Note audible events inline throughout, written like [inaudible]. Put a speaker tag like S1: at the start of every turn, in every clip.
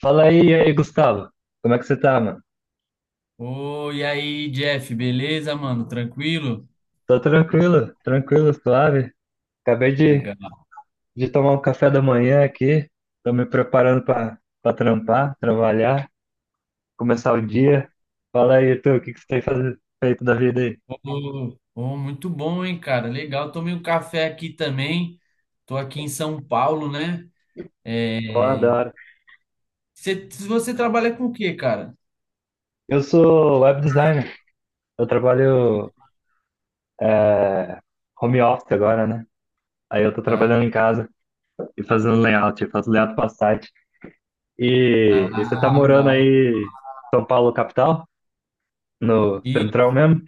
S1: Fala aí, e aí, Gustavo. Como é que você tá, mano?
S2: Ô, e aí, Jeff, beleza, mano? Tranquilo?
S1: Tô tranquilo, tranquilo, suave. Acabei de,
S2: Legal.
S1: de tomar um café da manhã aqui. Tô me preparando pra trampar, trabalhar, começar o dia. Fala aí, tu, o que que você tem feito da vida aí?
S2: Muito bom, hein, cara? Legal. Tomei um café aqui também. Tô aqui em São Paulo, né?
S1: Ó, da
S2: É...
S1: hora.
S2: Você trabalha com o quê, cara?
S1: Eu sou web designer. Eu trabalho é, home office agora, né? Aí eu tô
S2: Ah,
S1: trabalhando em casa e fazendo layout. Eu faço layout pra site. E você tá morando
S2: legal.
S1: aí em São Paulo, capital? No
S2: E,
S1: central mesmo?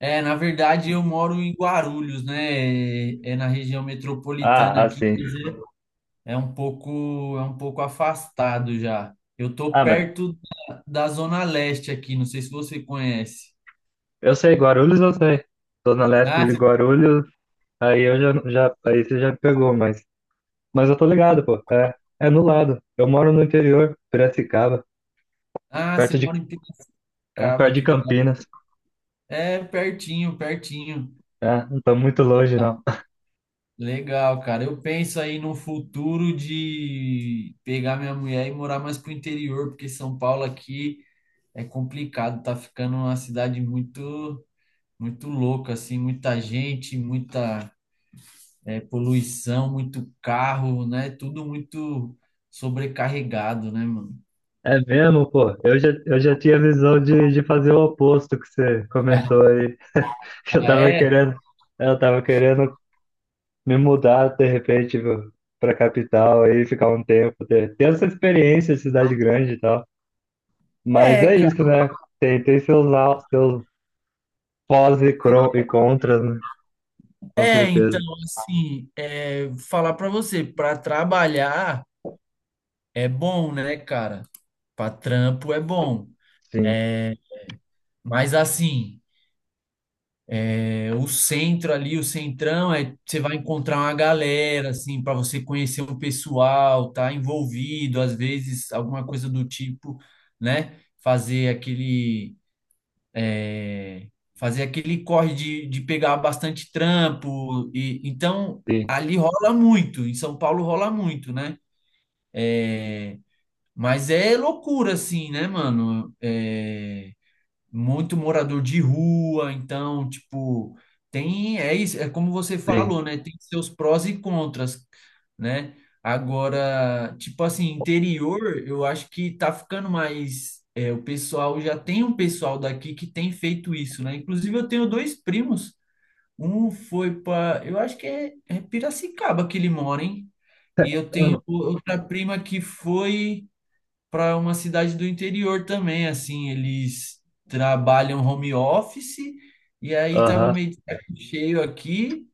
S2: na verdade, eu moro em Guarulhos, né? É na região
S1: Ah,
S2: metropolitana
S1: ah,
S2: aqui, quer
S1: sim.
S2: dizer, é um pouco, é um pouco afastado já. Eu tô
S1: Ah, mas
S2: perto da Zona Leste aqui, não sei se você conhece.
S1: eu sei, Guarulhos eu sei. Zona Leste
S2: Ah,
S1: de
S2: você-
S1: Guarulhos, aí eu aí você já me pegou, mas eu tô ligado, pô. É no lado. Eu moro no interior, Piracicaba,
S2: você
S1: perto de,
S2: mora em Piracicaba,
S1: perto de
S2: aqui da hora.
S1: Campinas.
S2: É pertinho, pertinho.
S1: É, não tô muito longe, não. [laughs]
S2: Legal, cara. Eu penso aí no futuro de pegar minha mulher e morar mais pro interior, porque São Paulo aqui é complicado, tá ficando uma cidade muito louca, assim, muita gente, poluição, muito carro, né? Tudo muito sobrecarregado, né, mano?
S1: É mesmo, pô. Eu já tinha visão de fazer o oposto que você comentou aí. [laughs] Eu
S2: Ah,
S1: tava
S2: é?
S1: querendo, eu tava querendo me mudar de repente, viu, pra capital aí, ficar um tempo, ter essa experiência de cidade grande e tal. Mas
S2: É,
S1: é
S2: cara.
S1: isso, né? Tem seus, seus pós e contras, né? Com
S2: É, então,
S1: certeza.
S2: assim, falar pra você, pra trabalhar é bom, né, cara? Pra trampo é bom.
S1: Sim,
S2: É, Mas assim, o centro ali, o centrão, você vai encontrar uma galera, assim, pra você conhecer o pessoal, tá envolvido, às vezes alguma coisa do tipo, né? É, fazer aquele corre de pegar bastante trampo. E, então,
S1: sim,
S2: ali rola muito, em São Paulo rola muito, né? Mas é loucura, assim, né, mano? Muito morador de rua, então, tipo, é isso, é como você
S1: sim.
S2: falou, né? Tem seus prós e contras, né? Agora, tipo assim, interior, eu acho que tá ficando mais. É, o pessoal já tem um pessoal daqui que tem feito isso, né? Inclusive, eu tenho dois primos. Um foi para, eu acho que é Piracicaba que ele mora, hein? E eu tenho
S1: Hum.
S2: outra prima que foi para uma cidade do interior também, assim, eles trabalham home office e aí tava
S1: Aham.
S2: meio de saco cheio aqui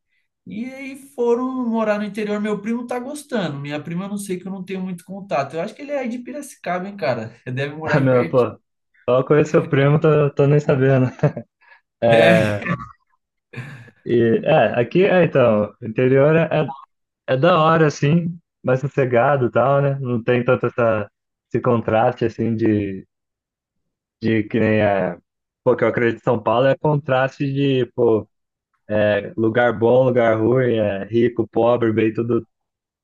S2: e aí foram morar no interior. Meu primo tá gostando, minha prima eu não sei que eu não tenho muito contato. Eu acho que ele é aí de Piracicaba, hein, cara? [laughs] Deve morar
S1: Ah,
S2: aí
S1: meu,
S2: perto.
S1: pô. Só conheço seu primo, tô nem sabendo. É,
S2: É.
S1: aqui, então, é da hora, assim, mais sossegado e tal, né? Não tem tanto esse contraste, assim, de que nem é. Pô, que eu acredito em São Paulo é contraste de lugar bom, lugar ruim, é rico, pobre, bem, tudo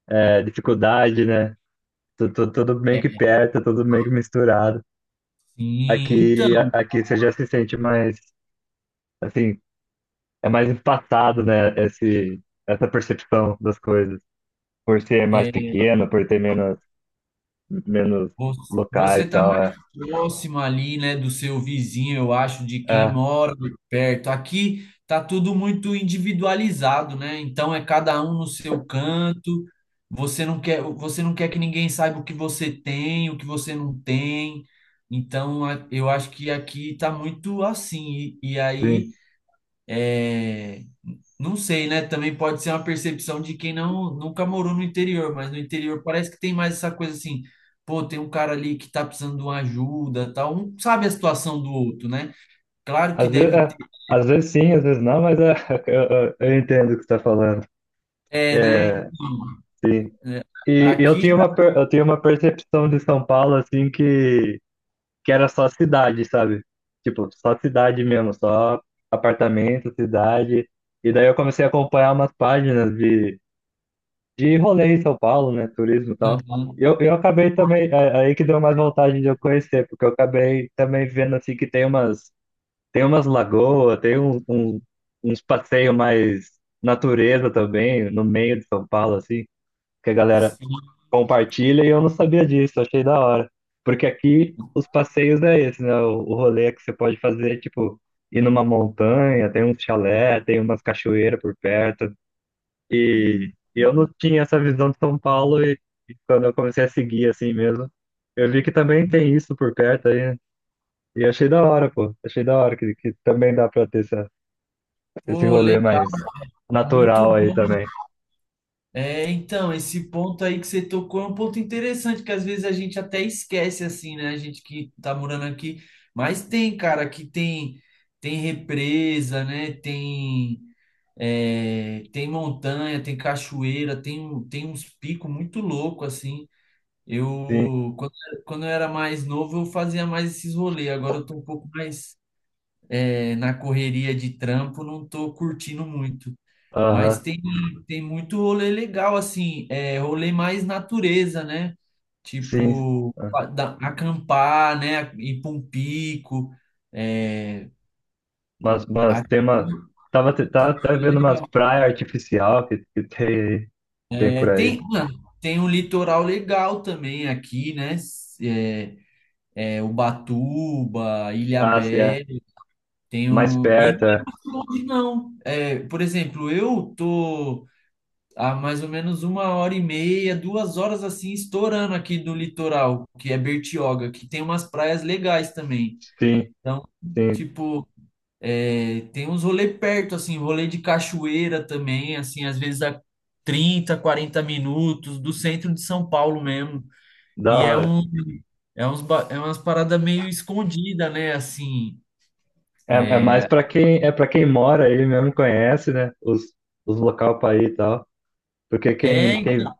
S1: é, dificuldade, né? Tudo, tudo meio que
S2: é,
S1: perto, tudo meio que misturado.
S2: Sim, então.
S1: Aqui você já se sente mais, assim, é mais empatado, né? Essa percepção das coisas. Por ser mais
S2: é,
S1: pequeno, por ter menos
S2: Vo- Você
S1: locais e
S2: está
S1: tal.
S2: mais
S1: É,
S2: próximo ali, né, do seu vizinho, eu acho, de quem
S1: é
S2: mora perto. Aqui tá tudo muito individualizado, né? Então é cada um no seu canto. Você não quer que ninguém saiba o que você tem, o que você não tem. Então eu acho que aqui tá muito assim. E aí
S1: sim.
S2: é, não sei, né? Também pode ser uma percepção de quem não nunca morou no interior, mas no interior parece que tem mais essa coisa assim, pô, tem um cara ali que tá precisando de uma ajuda, tal, um sabe a situação do outro, né? Claro que
S1: Às vezes,
S2: deve
S1: é,
S2: ter,
S1: às vezes sim, às vezes não, [laughs] eu, eu entendo o que você está falando.
S2: né?
S1: É,
S2: Então,
S1: sim.
S2: é, aqui,
S1: Eu tinha uma percepção de São Paulo, assim, que era só cidade, sabe? Tipo, só cidade mesmo, só apartamento, cidade. E daí eu comecei a acompanhar umas páginas de rolê em São Paulo, né? Turismo e tal.
S2: Uhum.
S1: Eu acabei também, aí que deu mais vontade de eu conhecer, porque eu acabei também vendo assim que tem tem umas lagoas, tem uns passeios mais natureza também, no meio de São Paulo, assim, que a galera compartilha e eu não sabia disso, achei da hora. Porque aqui os passeios é esse, né? O rolê que você pode fazer, é, tipo, ir numa montanha, tem um chalé, tem umas cachoeiras por perto. E eu não tinha essa visão de São Paulo e quando eu comecei a seguir assim mesmo, eu vi que também tem isso por perto aí. Né? E achei da hora, pô. Achei da hora que também dá pra ter esse
S2: Pô,
S1: rolê
S2: legal,
S1: mais
S2: muito
S1: natural aí
S2: bom.
S1: também.
S2: É, então, esse ponto aí que você tocou é um ponto interessante, que às vezes a gente até esquece, assim, né? A gente que tá morando aqui, mas tem, cara, que tem represa, né? Tem montanha, tem cachoeira, tem uns picos muito loucos, assim.
S1: Sim,
S2: Eu, quando, quando eu era mais novo, eu fazia mais esses rolês, agora eu tô um pouco mais, na correria de trampo, não tô curtindo muito. Mas
S1: aham,
S2: tem, tem muito rolê legal, assim, rolê mais natureza, né?
S1: sim.
S2: Tipo, acampar, né? Ir pra um pico. É,
S1: Mas tem
S2: aqui
S1: uma.
S2: tem, um
S1: Tá
S2: rolê
S1: vendo umas
S2: le-
S1: praias artificial que tem, tem
S2: é,
S1: por aí.
S2: Tem, mano, tem um litoral legal também aqui, né? Ubatuba,
S1: Ah, sim, é.
S2: Ilhabela, tem
S1: Mais
S2: um... E não
S1: perto,
S2: é
S1: é.
S2: muito longe, não. É, por exemplo, eu tô... A mais ou menos 1 hora e meia, 2 horas assim, estourando aqui do litoral, que é Bertioga, que tem umas praias legais também.
S1: Sim,
S2: Então,
S1: sim.
S2: tipo, tem uns rolê perto, assim, rolê de cachoeira também, assim, às vezes a 30 ou 40 minutos do centro de São Paulo mesmo.
S1: Da
S2: E é
S1: hora.
S2: um, é uns, é umas paradas meio escondida, né? Assim,
S1: É, é mais pra quem, é para quem mora aí mesmo, conhece, né? Os local pra ir e tal. Porque
S2: é, então,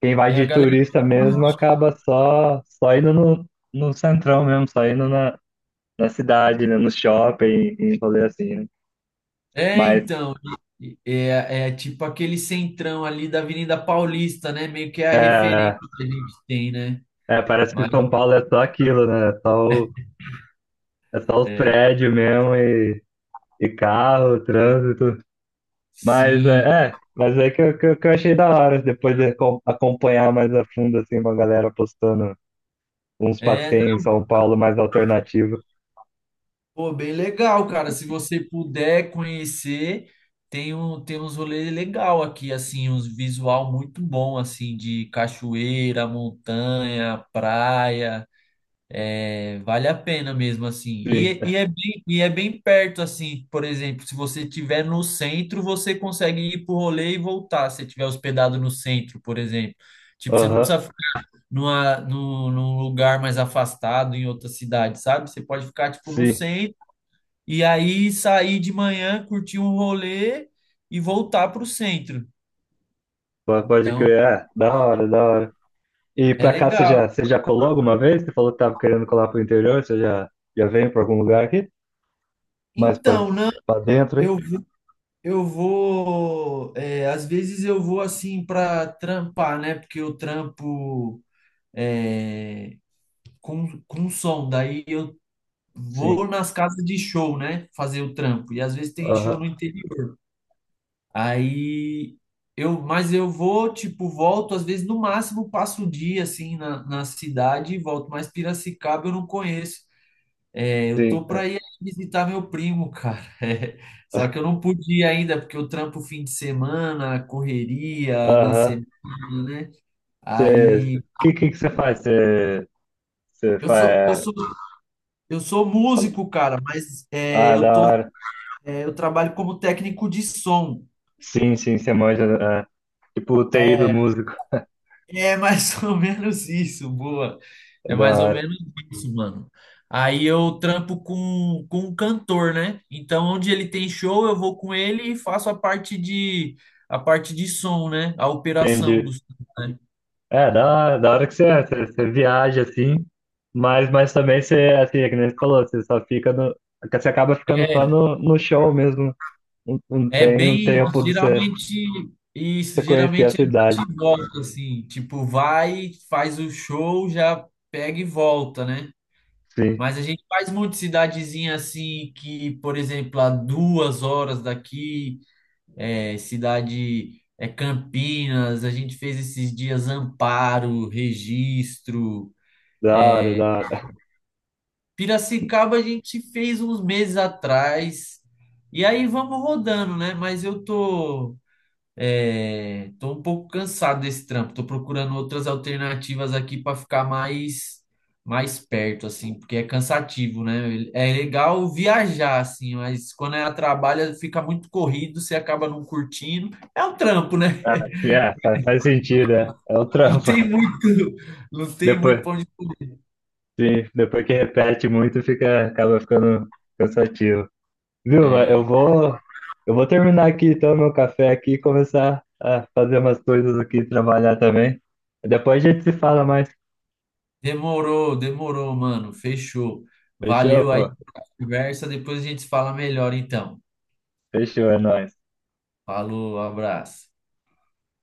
S1: quem vai
S2: é a
S1: de
S2: galera.
S1: turista mesmo acaba só, só indo no, no centrão mesmo, só na cidade, né? No shopping, em rolê assim, né?
S2: É,
S1: Mas
S2: então, é tipo aquele centrão ali da Avenida Paulista, né? Meio que é a referência
S1: é,
S2: que a gente tem, né?
S1: parece que
S2: Mas,
S1: São Paulo é só aquilo, né? O- é só os
S2: é,
S1: prédios mesmo e carro, trânsito. Mas
S2: sim,
S1: é, é, mas é que, eu- que, eu- que eu achei da hora depois de acompanhar mais a fundo assim uma galera postando uns
S2: é,
S1: passeios em São Paulo mais alternativo.
S2: pô, bem legal, cara. Se você puder conhecer, tem um, tem uns rolês legal aqui, assim, uns visual muito bom, assim, de cachoeira, montanha, praia. Vale a pena mesmo, assim.
S1: Sim.
S2: E é bem perto, assim. Por exemplo, se você estiver no centro, você consegue ir pro rolê e voltar, se você estiver hospedado no centro, por exemplo. Tipo, você não
S1: Aham.
S2: precisa ficar num lugar mais afastado, em outra cidade, sabe? Você pode ficar, tipo, no
S1: Sim.
S2: centro e aí sair de manhã, curtir um rolê e voltar pro centro.
S1: Pode
S2: Então,
S1: crer. É, da hora, da hora. E
S2: é
S1: pra cá você
S2: legal.
S1: você já colou alguma vez? Você falou que tava querendo colar pro interior, você já, já veio pra algum lugar aqui? Mais pra,
S2: Então, não,
S1: pra dentro, hein?
S2: eu vi Eu vou, às vezes eu vou assim para trampar, né? Porque eu trampo é, com som, daí eu
S1: Sim.
S2: vou nas casas de show, né? Fazer o trampo. E às vezes tem show
S1: Aham.
S2: no interior. Aí mas eu vou, tipo, volto, às vezes no máximo passo o dia assim na cidade e volto, mas Piracicaba eu não conheço. Eu
S1: Sim.
S2: tô
S1: É.
S2: para ir visitar meu primo, cara. [laughs] Só que eu não pude ir ainda porque eu trampo fim de semana, correria na
S1: Aham.
S2: semana, né?
S1: Você,
S2: Aí
S1: que você faz? Você
S2: eu sou, eu
S1: faz,
S2: sou, eu sou
S1: fala,
S2: músico, cara,
S1: ah, da hora.
S2: eu trabalho como técnico de som.
S1: Sim, sim, você manja, é, tipo o TI do músico,
S2: É mais [laughs] ou menos isso, boa. É
S1: da
S2: mais ou
S1: hora.
S2: menos isso, mano. Aí eu trampo com um cantor, né? Então, onde ele tem show, eu vou com ele e faço a parte de som, né? A operação do
S1: Entendi.
S2: som, né?
S1: É, da hora que você, é, você viaja assim, mas também você, assim, é que nem você falou, você só fica no, você acaba ficando
S2: É,
S1: só no, no show mesmo. Não, não
S2: é
S1: tem um
S2: bem
S1: tempo de você,
S2: geralmente isso,
S1: você conhecer a
S2: geralmente é
S1: cidade.
S2: bate e volta, assim, tipo, vai, faz o show, já pega e volta, né?
S1: Sim,
S2: Mas a gente faz muito cidadezinha assim que, por exemplo, a 2 horas daqui, é, cidade é Campinas, a gente fez esses dias Amparo, Registro.
S1: da hora, da hora.
S2: Piracicaba a gente fez uns meses atrás. E aí vamos rodando, né? Tô um pouco cansado desse trampo. Tô procurando outras alternativas aqui para ficar mais perto, assim, porque é cansativo, né? É legal viajar, assim, mas quando é a trabalho fica muito corrido, você acaba não curtindo. É um trampo, né?
S1: [laughs] É, faz, faz sentido, é, é o
S2: Não
S1: trampo.
S2: tem muito, não
S1: [laughs]
S2: tem muito
S1: Depois,
S2: pra onde.
S1: sim, depois que repete muito, fica, acaba ficando cansativo. Viu? Mas Eu
S2: É,
S1: vou, eu vou terminar aqui então meu café aqui e começar a fazer umas coisas aqui, trabalhar também. Depois a gente se fala mais.
S2: demorou, demorou, mano. Fechou.
S1: Fechou,
S2: Valeu aí
S1: pô?
S2: pela conversa. Depois a gente fala melhor, então.
S1: Fechou, é nóis.
S2: Falou, abraço.